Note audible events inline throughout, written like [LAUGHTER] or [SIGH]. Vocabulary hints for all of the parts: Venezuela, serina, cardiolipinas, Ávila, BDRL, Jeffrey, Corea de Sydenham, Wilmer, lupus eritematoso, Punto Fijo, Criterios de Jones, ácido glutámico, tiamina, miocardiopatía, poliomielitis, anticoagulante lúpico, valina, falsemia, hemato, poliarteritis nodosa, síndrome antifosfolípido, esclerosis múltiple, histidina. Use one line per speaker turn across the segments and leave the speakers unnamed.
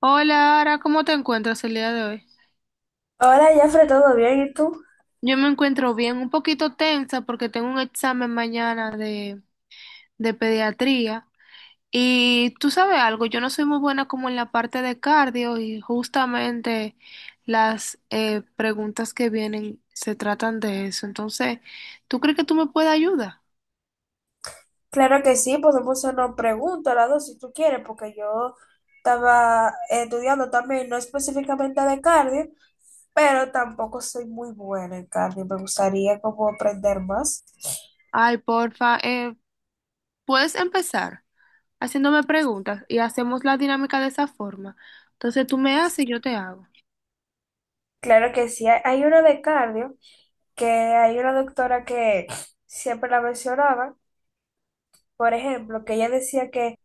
Hola, Ara, ¿cómo te encuentras el día de hoy?
Hola, Jeffrey, ¿todo bien? ¿Y tú?
Yo me encuentro bien, un poquito tensa porque tengo un examen mañana de pediatría. Y tú sabes algo, yo no soy muy buena como en la parte de cardio y justamente las preguntas que vienen se tratan de eso. Entonces, ¿tú crees que tú me puedes ayudar?
Claro que sí, podemos hacernos preguntas las dos si tú quieres, porque yo estaba estudiando también, no específicamente de cardio, pero tampoco soy muy buena en cardio. Me gustaría como aprender más.
Ay, porfa, puedes empezar haciéndome preguntas y hacemos la dinámica de esa forma. Entonces tú me haces y yo te hago.
Claro que sí, hay una de cardio, que hay una doctora que siempre la mencionaba, por ejemplo, que ella decía que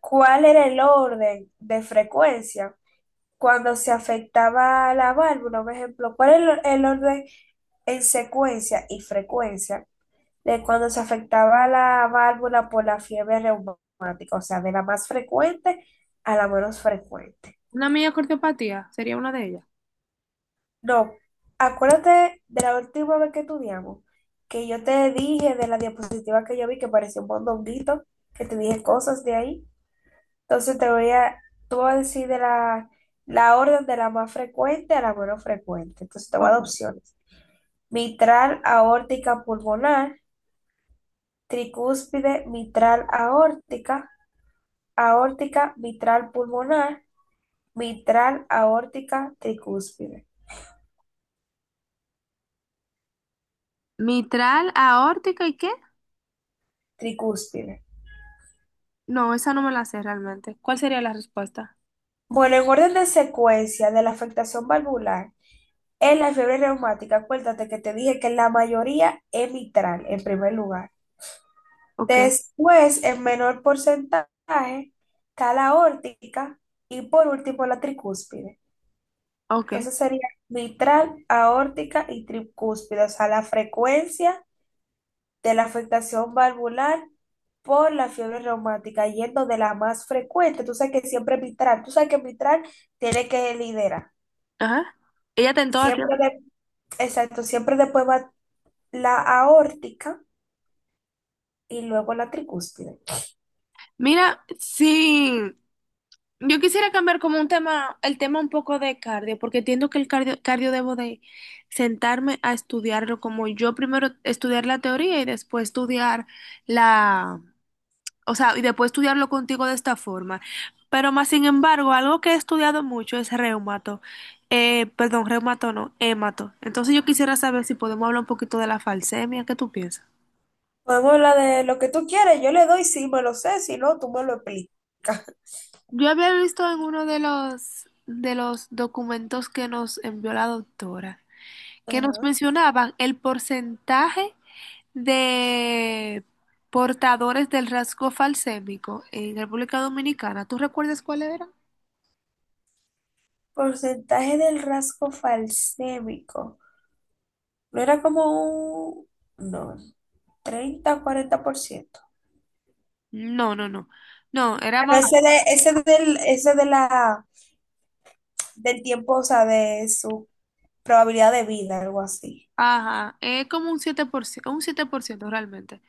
cuál era el orden de frecuencia cuando se afectaba la válvula, por ejemplo, cuál era el orden en secuencia y frecuencia de cuando se afectaba la válvula por la fiebre reumática, o sea, de la más frecuente a la menos frecuente.
Una miocardiopatía sería una de ellas.
No, acuérdate de la última vez que estudiamos, que yo te dije de la diapositiva que yo vi que parecía un mondonguito, que te dije cosas de ahí. Entonces tú vas a decir de la orden de la más frecuente a la menos frecuente. Entonces te voy a dar
Ojo.
opciones. Mitral, aórtica, pulmonar, tricúspide mitral aórtica, aórtica mitral pulmonar, mitral aórtica tricúspide,
Mitral, aórtica, ¿y qué?
tricúspide.
No, esa no me la sé realmente. ¿Cuál sería la respuesta?
Bueno, en orden de secuencia de la afectación valvular, en la fiebre reumática, acuérdate que te dije que la mayoría es mitral en primer lugar.
Ok,
Después, en menor porcentaje, está la aórtica y por último la tricúspide.
ok.
Entonces sería mitral, aórtica y tricúspide, o sea, la frecuencia de la afectación valvular por la fiebre reumática, yendo de la más frecuente. Tú sabes que siempre mitral, tú sabes que mitral tiene que liderar.
Ajá. Ella tentó
Siempre,
siempre.
exacto, siempre después va la aórtica y luego la tricúspide.
Mira, sí. Yo quisiera cambiar como un tema, el tema un poco de cardio, porque entiendo que el cardio debo de sentarme a estudiarlo, como yo primero estudiar la teoría y después estudiar la, o sea, y después estudiarlo contigo de esta forma. Pero más sin embargo, algo que he estudiado mucho es reumato. Perdón, reumato no, hemato. Entonces yo quisiera saber si podemos hablar un poquito de la falsemia, ¿qué tú piensas?
Podemos hablar de lo que tú quieres, yo le doy si me lo sé, si no, tú me lo explicas. [LAUGHS]
Yo había visto en uno de los documentos que nos envió la doctora, que nos
Ajá.
mencionaban el porcentaje de portadores del rasgo falsémico en República Dominicana. ¿Tú recuerdas cuál era?
Porcentaje del rasgo falsémico. No era como un... No, 40%.
No, no, no. No, era
Pero
más.
ese ese ese de del tiempo, o sea, de su probabilidad de vida, algo así.
Ajá, es como un 7%, un 7% realmente.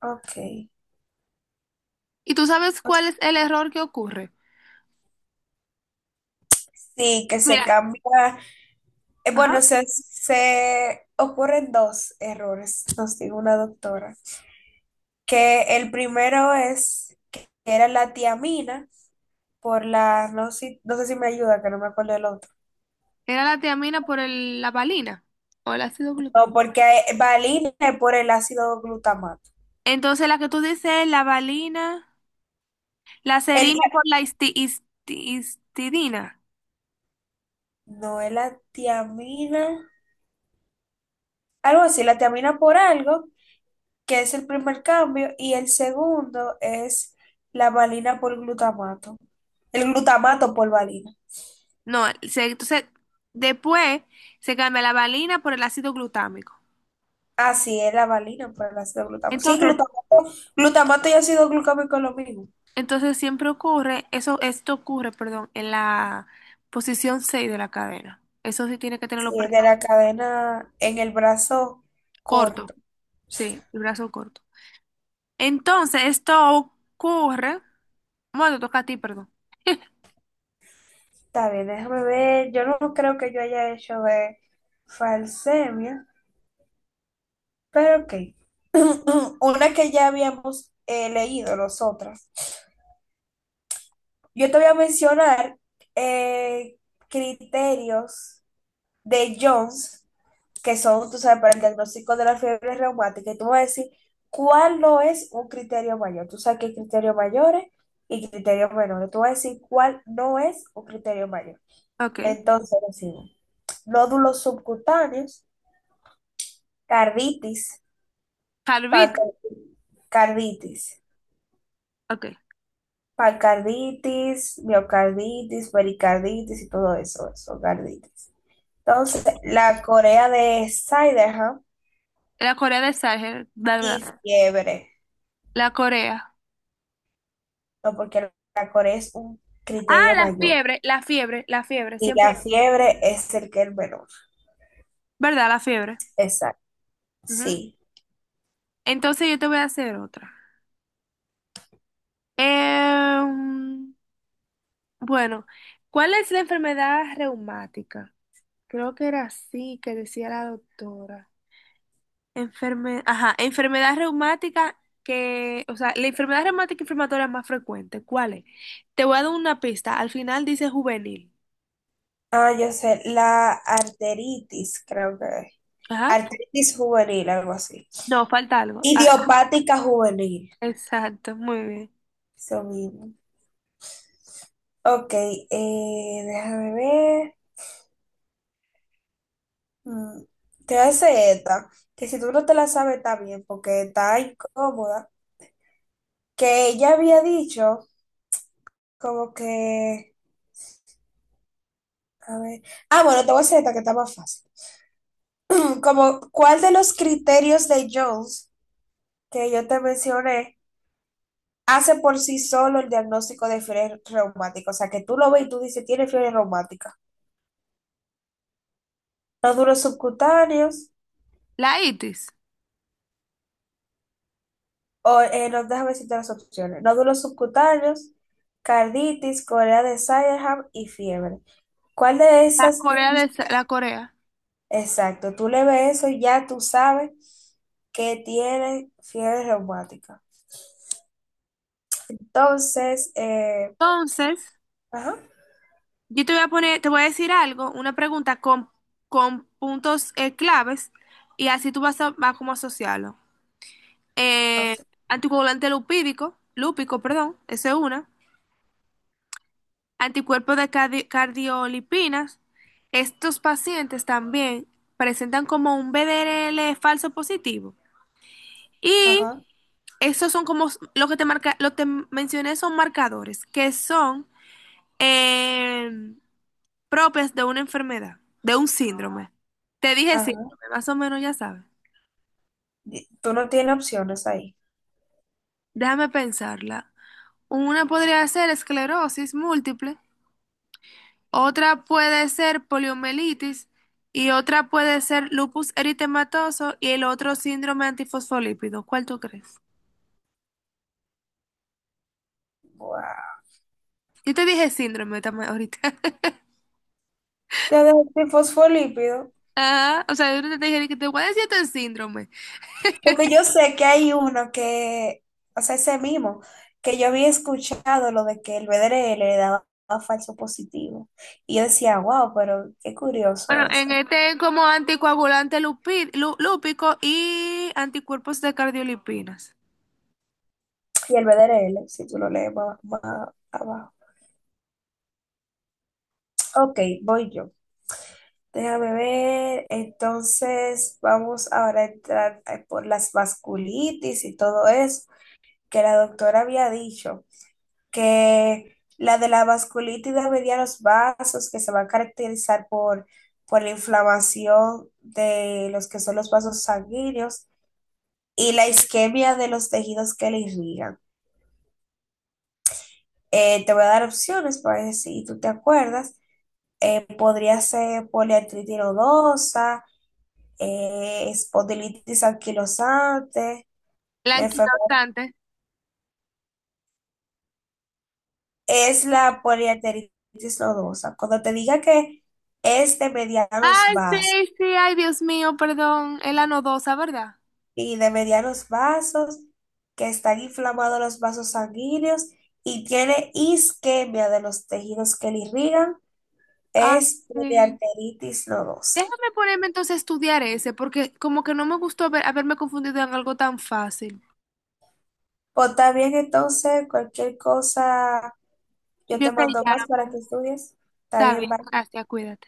Ok.
¿Y tú sabes cuál es el error que ocurre?
Sí, que se
Mira,
cambia.
ajá,
Se ocurren dos errores, nos dijo una doctora. Que el primero es que era la tiamina por la, no sé, no sé si me ayuda, que no me acuerdo el otro.
era la tiamina por el- la valina o el ácido glu-.
No, porque valina es por el ácido glutamato.
Entonces la que tú dices, la valina, la
El,
serina por la histi- histi- histidina.
no es la tiamina. Algo así, la tiamina por algo, que es el primer cambio, y el segundo es la valina por glutamato. El glutamato por valina.
No, se- entonces después se cambia la valina por el ácido glutámico.
Ah, sí, es la valina por el ácido glutamato. Sí,
Entonces,
glutamato, glutamato y ácido glucámico es lo mismo.
entonces siempre ocurre, eso, esto ocurre, perdón, en la posición 6 de la cadena. Eso sí tiene que
Sí,
tenerlo
es de
presente.
la cadena en el brazo corto.
Corto. Sí, el brazo corto. Entonces, esto ocurre. Bueno, te toca a ti, perdón. [LAUGHS]
Está bien, déjame ver. Yo no creo que yo haya hecho de falsemia, pero ok. [CLEARS THROAT] Una que ya habíamos leído, los otras. Yo te voy a mencionar eh, criterios de Jones, que son, tú sabes, para el diagnóstico de la fiebre reumática. Y tú me vas a decir cuál no es un criterio mayor. Tú sabes que hay criterios mayores y criterios menores. Tú vas a decir cuál no es un criterio mayor.
Ok.
Entonces, decimos, nódulos subcutáneos, carditis,
Harbit.
pancarditis, carditis,
Ok.
pancarditis, miocarditis, pericarditis y todo eso, eso, carditis. Entonces, la Corea de Siderham
La Corea del Sahel. Bla, bla,
y
bla.
fiebre,
La Corea.
no, porque la Corea es un
Ah,
criterio
la
mayor
fiebre, la fiebre, la fiebre.
y
Siempre.
la fiebre es el que es menor.
¿Verdad? La fiebre.
Exacto,
Ujú.
sí.
Entonces, yo te voy a hacer otra. Em, bueno, ¿cuál es la enfermedad reumática? Creo que era así que decía la doctora. Enferme- ajá, enfermedad reumática que, o sea, la enfermedad reumática inflamatoria más frecuente, ¿cuál es? Te voy a dar una pista, al final dice juvenil.
Ah, yo sé, la arteritis, creo que es.
Ajá.
Arteritis juvenil, algo así.
No, falta algo. Ah,
Idiopática juvenil,
exacto, muy bien.
eso mismo. Ok, déjame ver. Mm, te hace esta, que si tú no te la sabes está bien, porque está incómoda, que ella había dicho. Como que, a ver. Ah, bueno, te voy a hacer esta que está más fácil. [LAUGHS] [CLEARS THROAT] Como, ¿cuál de los criterios de Jones que yo te mencioné hace por sí solo el diagnóstico de fiebre reumática? O sea, que tú lo ves y tú dices, tiene fiebre reumática. Nódulos subcutáneos,
La itis,
o no, déjame decirte las opciones. Nódulos subcutáneos, carditis, corea de Sydenham y fiebre. ¿Cuál de
la
esas tú...
Corea
dices?
de la Corea.
Exacto, tú le ves eso y ya tú sabes que tiene fiebre reumática. Entonces,
Entonces,
ajá,
yo te voy a poner, te voy a decir algo, una pregunta con puntos claves y así tú vas a, vas como a asociarlo. Eh,
ok,
Anticoagulante lupídico, lúpico, perdón, esa es una. Anticuerpos de cardi- cardiolipinas. Estos pacientes también presentan como un BDRL falso positivo. Y
ajá,
esos son como s- lo que te marca, lo te mencioné son marcadores que son eh, propias de una enfermedad, de un síndrome. Te dije
ajá.
síndrome, más o menos ya sabes.
Tú no tienes opciones ahí.
Déjame pensarla. Una podría ser esclerosis múltiple. Otra puede ser poliomielitis y otra puede ser lupus eritematoso y el otro síndrome antifosfolípido. ¿Cuál tú crees?
Wow.
Yo te dije síndrome también ahorita. [LAUGHS]
Ya dejé sin fosfolípido.
Ah, o sea, yo no te dije que te voy a decir este síndrome.
Porque yo sé que hay uno que, o sea, ese mismo, que yo había escuchado lo de que el BDR le daba falso positivo. Y yo decía, wow, pero qué curioso
Bueno, en
eso.
este es como anticoagulante lupi- lu- lúpico y anticuerpos de cardiolipinas.
Y el BDRL si tú lo lees más abajo. Ok, voy yo. Déjame ver. Entonces, vamos ahora a entrar por las vasculitis y todo eso, que la doctora había dicho que la de la vasculitis de medianos vasos, que se va a caracterizar por la inflamación de los que son los vasos sanguíneos y la isquemia de los tejidos que le irrigan. Te voy a dar opciones para ver si tú te acuerdas. Podría ser poliartritis nodosa espondilitis anquilosante, la enfermedad
Blanquitaxante.
es la poliarteritis nodosa. Cuando te diga que es de medianos
Ay,
vasos
sí, sí, ay, Dios mío, perdón. Es la nodosa, ¿verdad?
y de medianos vasos, que están inflamados los vasos sanguíneos y tiene isquemia de los tejidos que le irrigan,
Ah,
es
sí.
poliarteritis nodosa.
Déjame ponerme entonces a estudiar ese, porque como que no me gustó haber- haberme confundido en algo tan fácil.
Pues está bien, entonces, cualquier cosa, yo
Yo
te
te
mando más para
llamo.
que estudies. Está
Está
bien,
bien,
bye.
gracias, cuídate.